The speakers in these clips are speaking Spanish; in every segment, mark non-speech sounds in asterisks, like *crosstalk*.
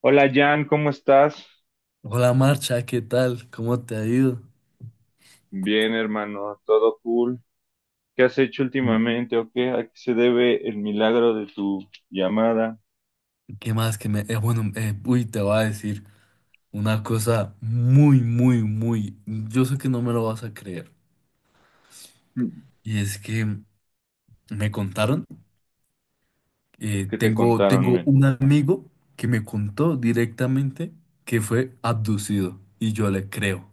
Hola Jan, ¿cómo estás? Hola Marcha, ¿qué tal? ¿Cómo te ha ido? Bien, hermano, todo cool. ¿Qué has hecho Mm, últimamente o qué? ¿A qué se debe el milagro de tu llamada? *clears throat* ¿qué más que te voy a decir una cosa muy, muy, yo sé que no me lo vas a creer. Mm. Y es que me contaron, eh, ¿Qué te tengo, contaron, tengo men? un amigo que me contó directamente que fue abducido. Y yo le creo.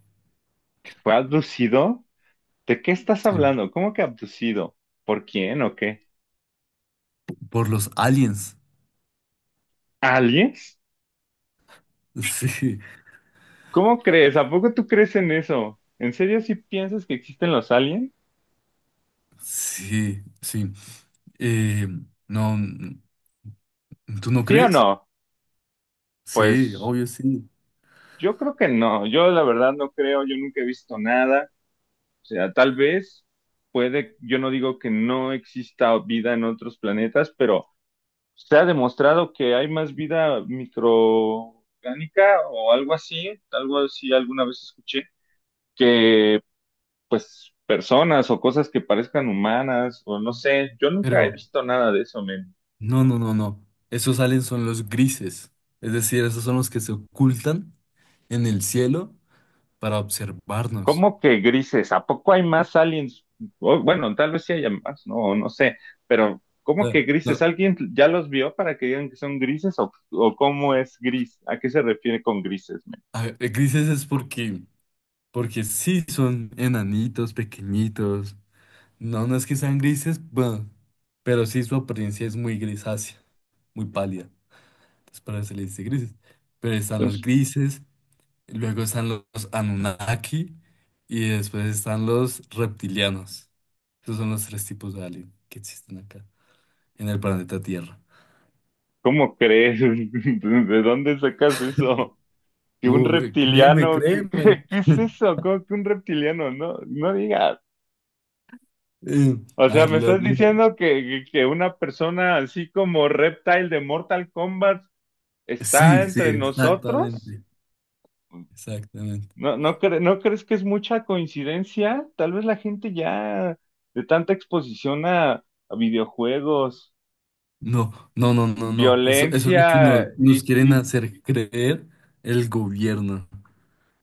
¿Que fue abducido? ¿De qué estás Sí. hablando? ¿Cómo que abducido? ¿Por quién o qué? Por los aliens. ¿Aliens? *laughs* ¿Cómo crees? ¿A poco tú crees en eso? ¿En serio si piensas que existen los aliens? Sí, sí, sí. Eh, no, ¿tú no ¿Sí o crees? no? Sí, Pues obvio sí. yo creo que no. Yo la verdad no creo, yo nunca he visto nada. O sea, tal vez puede, yo no digo que no exista vida en otros planetas, pero se ha demostrado que hay más vida microorgánica o algo así alguna vez escuché, que pues personas o cosas que parezcan humanas o no sé, yo nunca Pero... he visto nada de eso, men. no, no, no, no. Esos aliens son los grises. Es decir, esos son los que se ocultan en el cielo para observarnos. ¿Cómo que grises? ¿A poco hay más aliens? Oh, bueno, tal vez sí haya más, no, no sé, pero O ¿cómo sea, que grises? no, ¿Alguien ya los vio para que digan que son grises o cómo es gris? ¿A qué se refiere con grises, men? a ver, Grises es porque sí son enanitos, pequeñitos. No, no es que sean grises, bueno, pero sí su apariencia es muy grisácea, muy pálida. Entonces, para eso se les dice grises. Pero están los Entonces, grises, luego están los Anunnaki y después están los reptilianos. Esos son los tres tipos de alien que existen acá en el planeta Tierra. ¿cómo crees? *laughs* ¿De dónde sacas eso? ¿Que un Créeme, reptiliano? ¿Qué, créeme. qué es *laughs* eso? ¿Cómo que un reptiliano? No, no digas. Eh, O a sea, ver, me estás lo- diciendo que, que una persona así como Reptile de Mortal Kombat está Sí, sí, entre nosotros. exactamente, exactamente. No, no, ¿no crees que es mucha coincidencia? Tal vez la gente ya de tanta exposición a videojuegos, No, no, no, no, no. Eso es lo que violencia nos quieren y- hacer creer el gobierno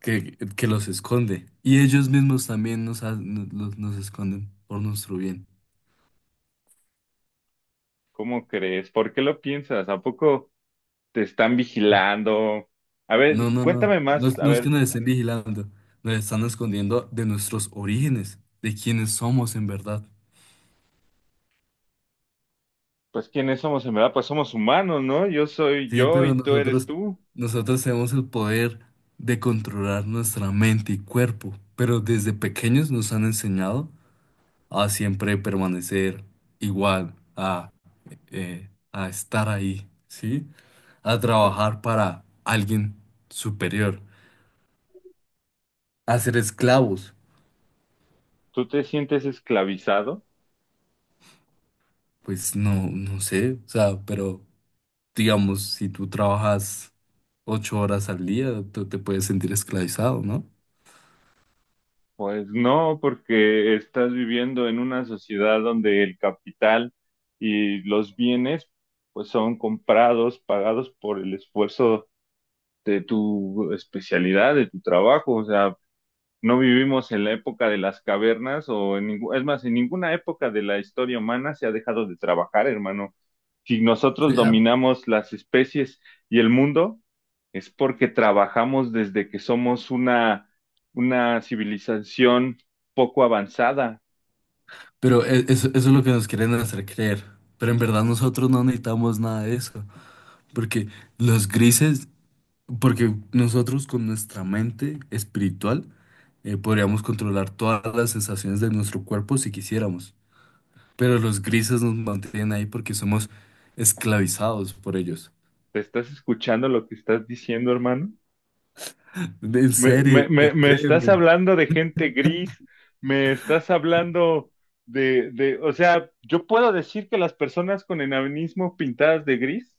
que los esconde. Y ellos mismos también nos esconden por nuestro bien. ¿cómo crees? ¿Por qué lo piensas? ¿A poco te están vigilando? A No, ver, no, no. cuéntame No, más. es A no es que ver, nos estén vigilando, nos están escondiendo de nuestros orígenes, de quiénes somos en verdad. pues ¿quiénes somos en verdad? Pues somos humanos, ¿no? Yo soy Sí, yo pero y tú eres tú. nosotros tenemos el poder de controlar nuestra mente y cuerpo, pero desde pequeños nos han enseñado a siempre permanecer igual, a estar ahí, ¿sí? A trabajar para alguien superior, a ser esclavos. ¿Tú te sientes esclavizado? Pues no, no sé, o sea, pero... digamos, si tú trabajas ocho horas al día, tú te puedes sentir esclavizado, ¿no? Pues no, porque estás viviendo en una sociedad donde el capital y los bienes pues son comprados, pagados por el esfuerzo de tu especialidad, de tu trabajo. O sea, no vivimos en la época de las cavernas o en es más, en ninguna época de la historia humana se ha dejado de trabajar, hermano. Si Sí, nosotros dominamos las especies y el mundo, es porque trabajamos desde que somos una civilización poco avanzada. pero eso es lo que nos quieren hacer creer. Pero en verdad nosotros no necesitamos nada de eso. Porque los grises, porque nosotros con nuestra mente espiritual podríamos controlar todas las sensaciones de nuestro cuerpo si quisiéramos. Pero los grises nos mantienen ahí porque somos esclavizados por ellos. ¿Te estás escuchando lo que estás diciendo, hermano? En Me, me, serio, me, me estás créeme, hablando de gente gris, me estás hablando o sea, yo puedo decir que las personas con enanismo pintadas de gris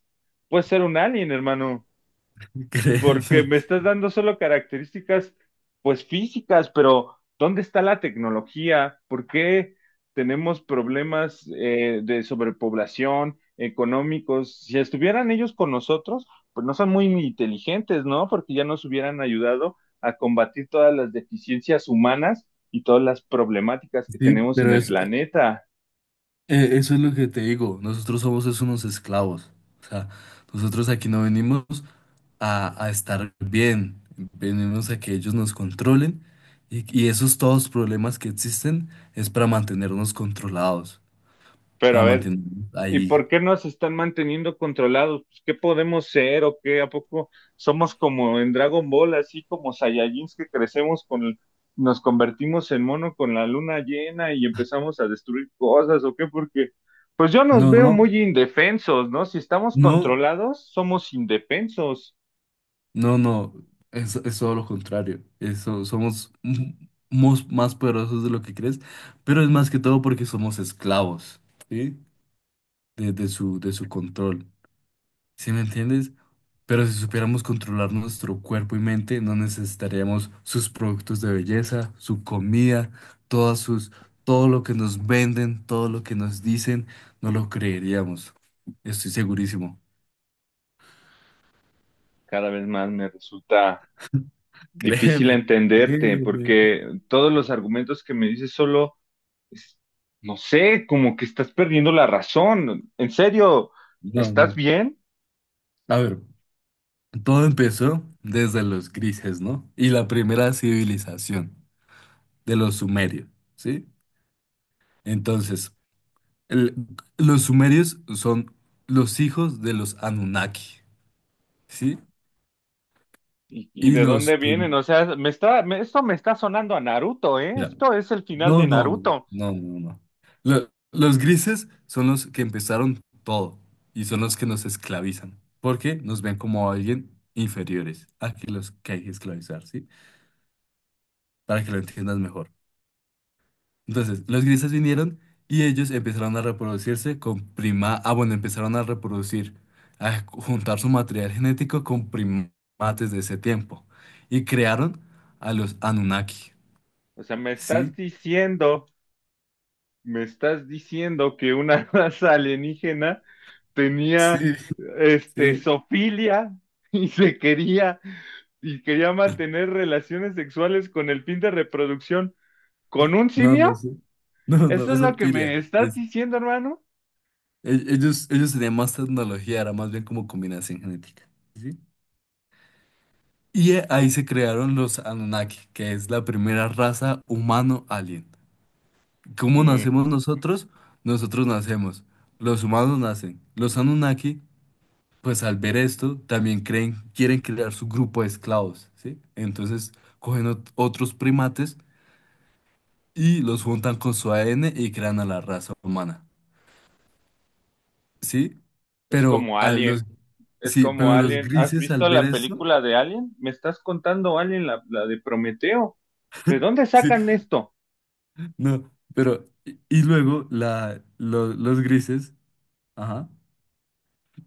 puede ser un alien, hermano, *laughs* porque créeme. me estás dando solo características, pues físicas, pero ¿dónde está la tecnología? ¿Por qué tenemos problemas de sobrepoblación, económicos? Si estuvieran ellos con nosotros, pues no son muy inteligentes, ¿no? Porque ya nos hubieran ayudado a combatir todas las deficiencias humanas y todas las problemáticas que Sí, tenemos en pero el es, planeta. Eh, Eso es lo que te digo, nosotros somos es unos esclavos, o sea, nosotros aquí no venimos a estar bien, venimos a que ellos nos controlen y esos todos problemas que existen es para mantenernos controlados, Pero a para ver, mantenernos ¿y ahí. por qué nos están manteniendo controlados? Pues, ¿qué podemos ser o qué? ¿A poco somos como en Dragon Ball, así como Saiyajins que crecemos con, nos convertimos en mono con la luna llena y empezamos a destruir cosas o qué? Porque, pues yo nos No, veo no, muy indefensos, ¿no? Si estamos no, controlados, somos indefensos. no, no, es todo lo contrario, eso, más poderosos de lo que crees, pero es más que todo porque somos esclavos, ¿sí? De su control. ¿Sí me entiendes? Pero si supiéramos controlar nuestro cuerpo y mente, no necesitaríamos sus productos de belleza, su comida, todas sus, todo lo que nos venden, todo lo que nos dicen, no lo creeríamos. Estoy segurísimo. Cada vez más me resulta *laughs* difícil Créeme, entenderte créeme. porque todos los argumentos que me dices solo es- no sé, como que estás perdiendo la razón. En serio, No, ¿estás no. bien? A ver, todo empezó desde los grises, ¿no? Y la primera civilización de los sumerios, ¿sí? Entonces, El- los sumerios son los hijos de los Anunnaki, ¿sí? ¿Y Y de los... dónde vienen? prim- O sea, esto me está sonando a Naruto, ¿eh? Mira, Esto es el final no, de no, no, Naruto. no, no, no. Los grises son los que empezaron todo y son los que nos esclavizan, porque nos ven como alguien inferiores a que los que hay que esclavizar, ¿sí? Para que lo entiendas mejor. Entonces, los grises vinieron y ellos empezaron a reproducirse con prima... ah, bueno, empezaron a reproducir, a juntar su material genético con primates de ese tiempo. Y crearon a los Anunnaki. O sea, ¿Sí? Me estás diciendo que una *laughs* raza alienígena Sí, tenía, este, sí. zoofilia *laughs* y se quería, y quería mantener relaciones sexuales con el fin de reproducción con un No, no simio. sé. *laughs* No, no ¿Eso es es lo que Pilia. me estás Es, diciendo, hermano? Ellos tenían más tecnología, era más bien como combinación genética. ¿Sí? Y ahí se crearon los Anunnaki, que es la primera raza humano-alien. ¿Cómo nacemos nosotros? Nosotros nacemos. Los humanos nacen. Los Anunnaki, pues al ver esto, también creen, quieren crear su grupo de esclavos, ¿sí? Entonces cogen otros primates y los juntan con su ADN y crean a la raza humana, ¿sí? Es Pero como a los, Alien, es sí, como pero los Alien. ¿Has grises al visto ver la esto, película de Alien? ¿Me estás contando Alien, la de Prometeo? ¿De dónde sí, sacan esto? no, pero, y luego los grises, ajá,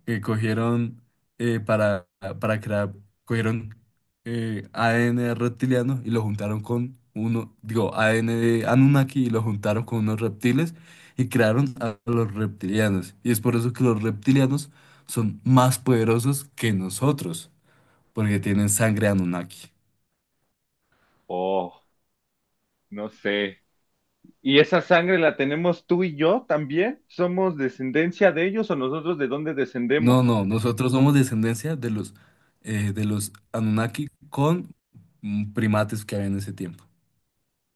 que cogieron eh, para, para crear, cogieron ADN reptiliano y lo juntaron con uno, digo, ADN de Anunnaki y lo juntaron con unos reptiles y crearon a los reptilianos. Y es por eso que los reptilianos son más poderosos que nosotros, porque tienen sangre Anunnaki. Oh, no sé. ¿Y esa sangre la tenemos tú y yo también? ¿Somos descendencia de ellos o nosotros de dónde descendemos? No, no, nosotros somos descendencia de los Anunnaki con primates que había en ese tiempo.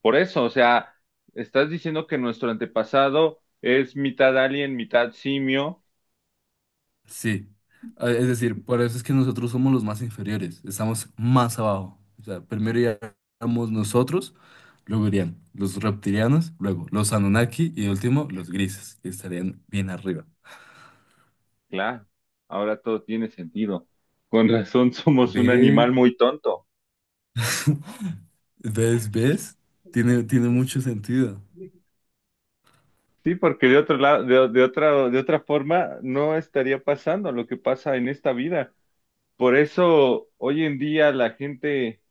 Por eso, o sea, estás diciendo que nuestro antepasado es mitad alien, mitad simio. Sí, ah, es decir, por eso es que nosotros somos los más inferiores, estamos más abajo. O sea, primero iríamos nosotros, luego irían los reptilianos, luego los Anunnaki y de último los grises, que estarían bien arriba. Claro, ahora todo tiene sentido. Con razón somos un ¿Ves? animal muy tonto. *laughs* ¿Ves? ¿Ves? Tiene mucho sentido. Sí, porque de otro lado, de otra forma, no estaría pasando lo que pasa en esta vida. Por eso hoy en día la gente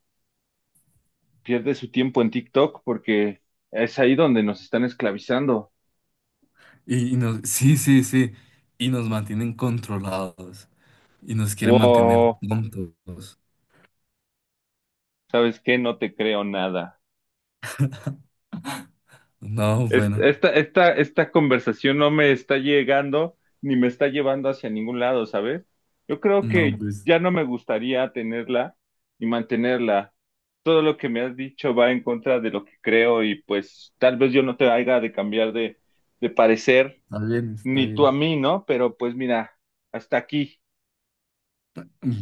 pierde su tiempo en TikTok porque es ahí donde nos están esclavizando. Sí, sí, sí, y nos mantienen controlados y nos quieren mantener Wow, tontos. ¿sabes qué? No te creo nada. No, bueno, Esta conversación no me está llegando ni me está llevando hacia ningún lado, ¿sabes? Yo creo no, que pues ya no me gustaría tenerla y mantenerla. Todo lo que me has dicho va en contra de lo que creo y pues tal vez yo no te haga de cambiar de parecer, está bien, está ni tú a bien. mí, ¿no? Pero pues mira, hasta aquí.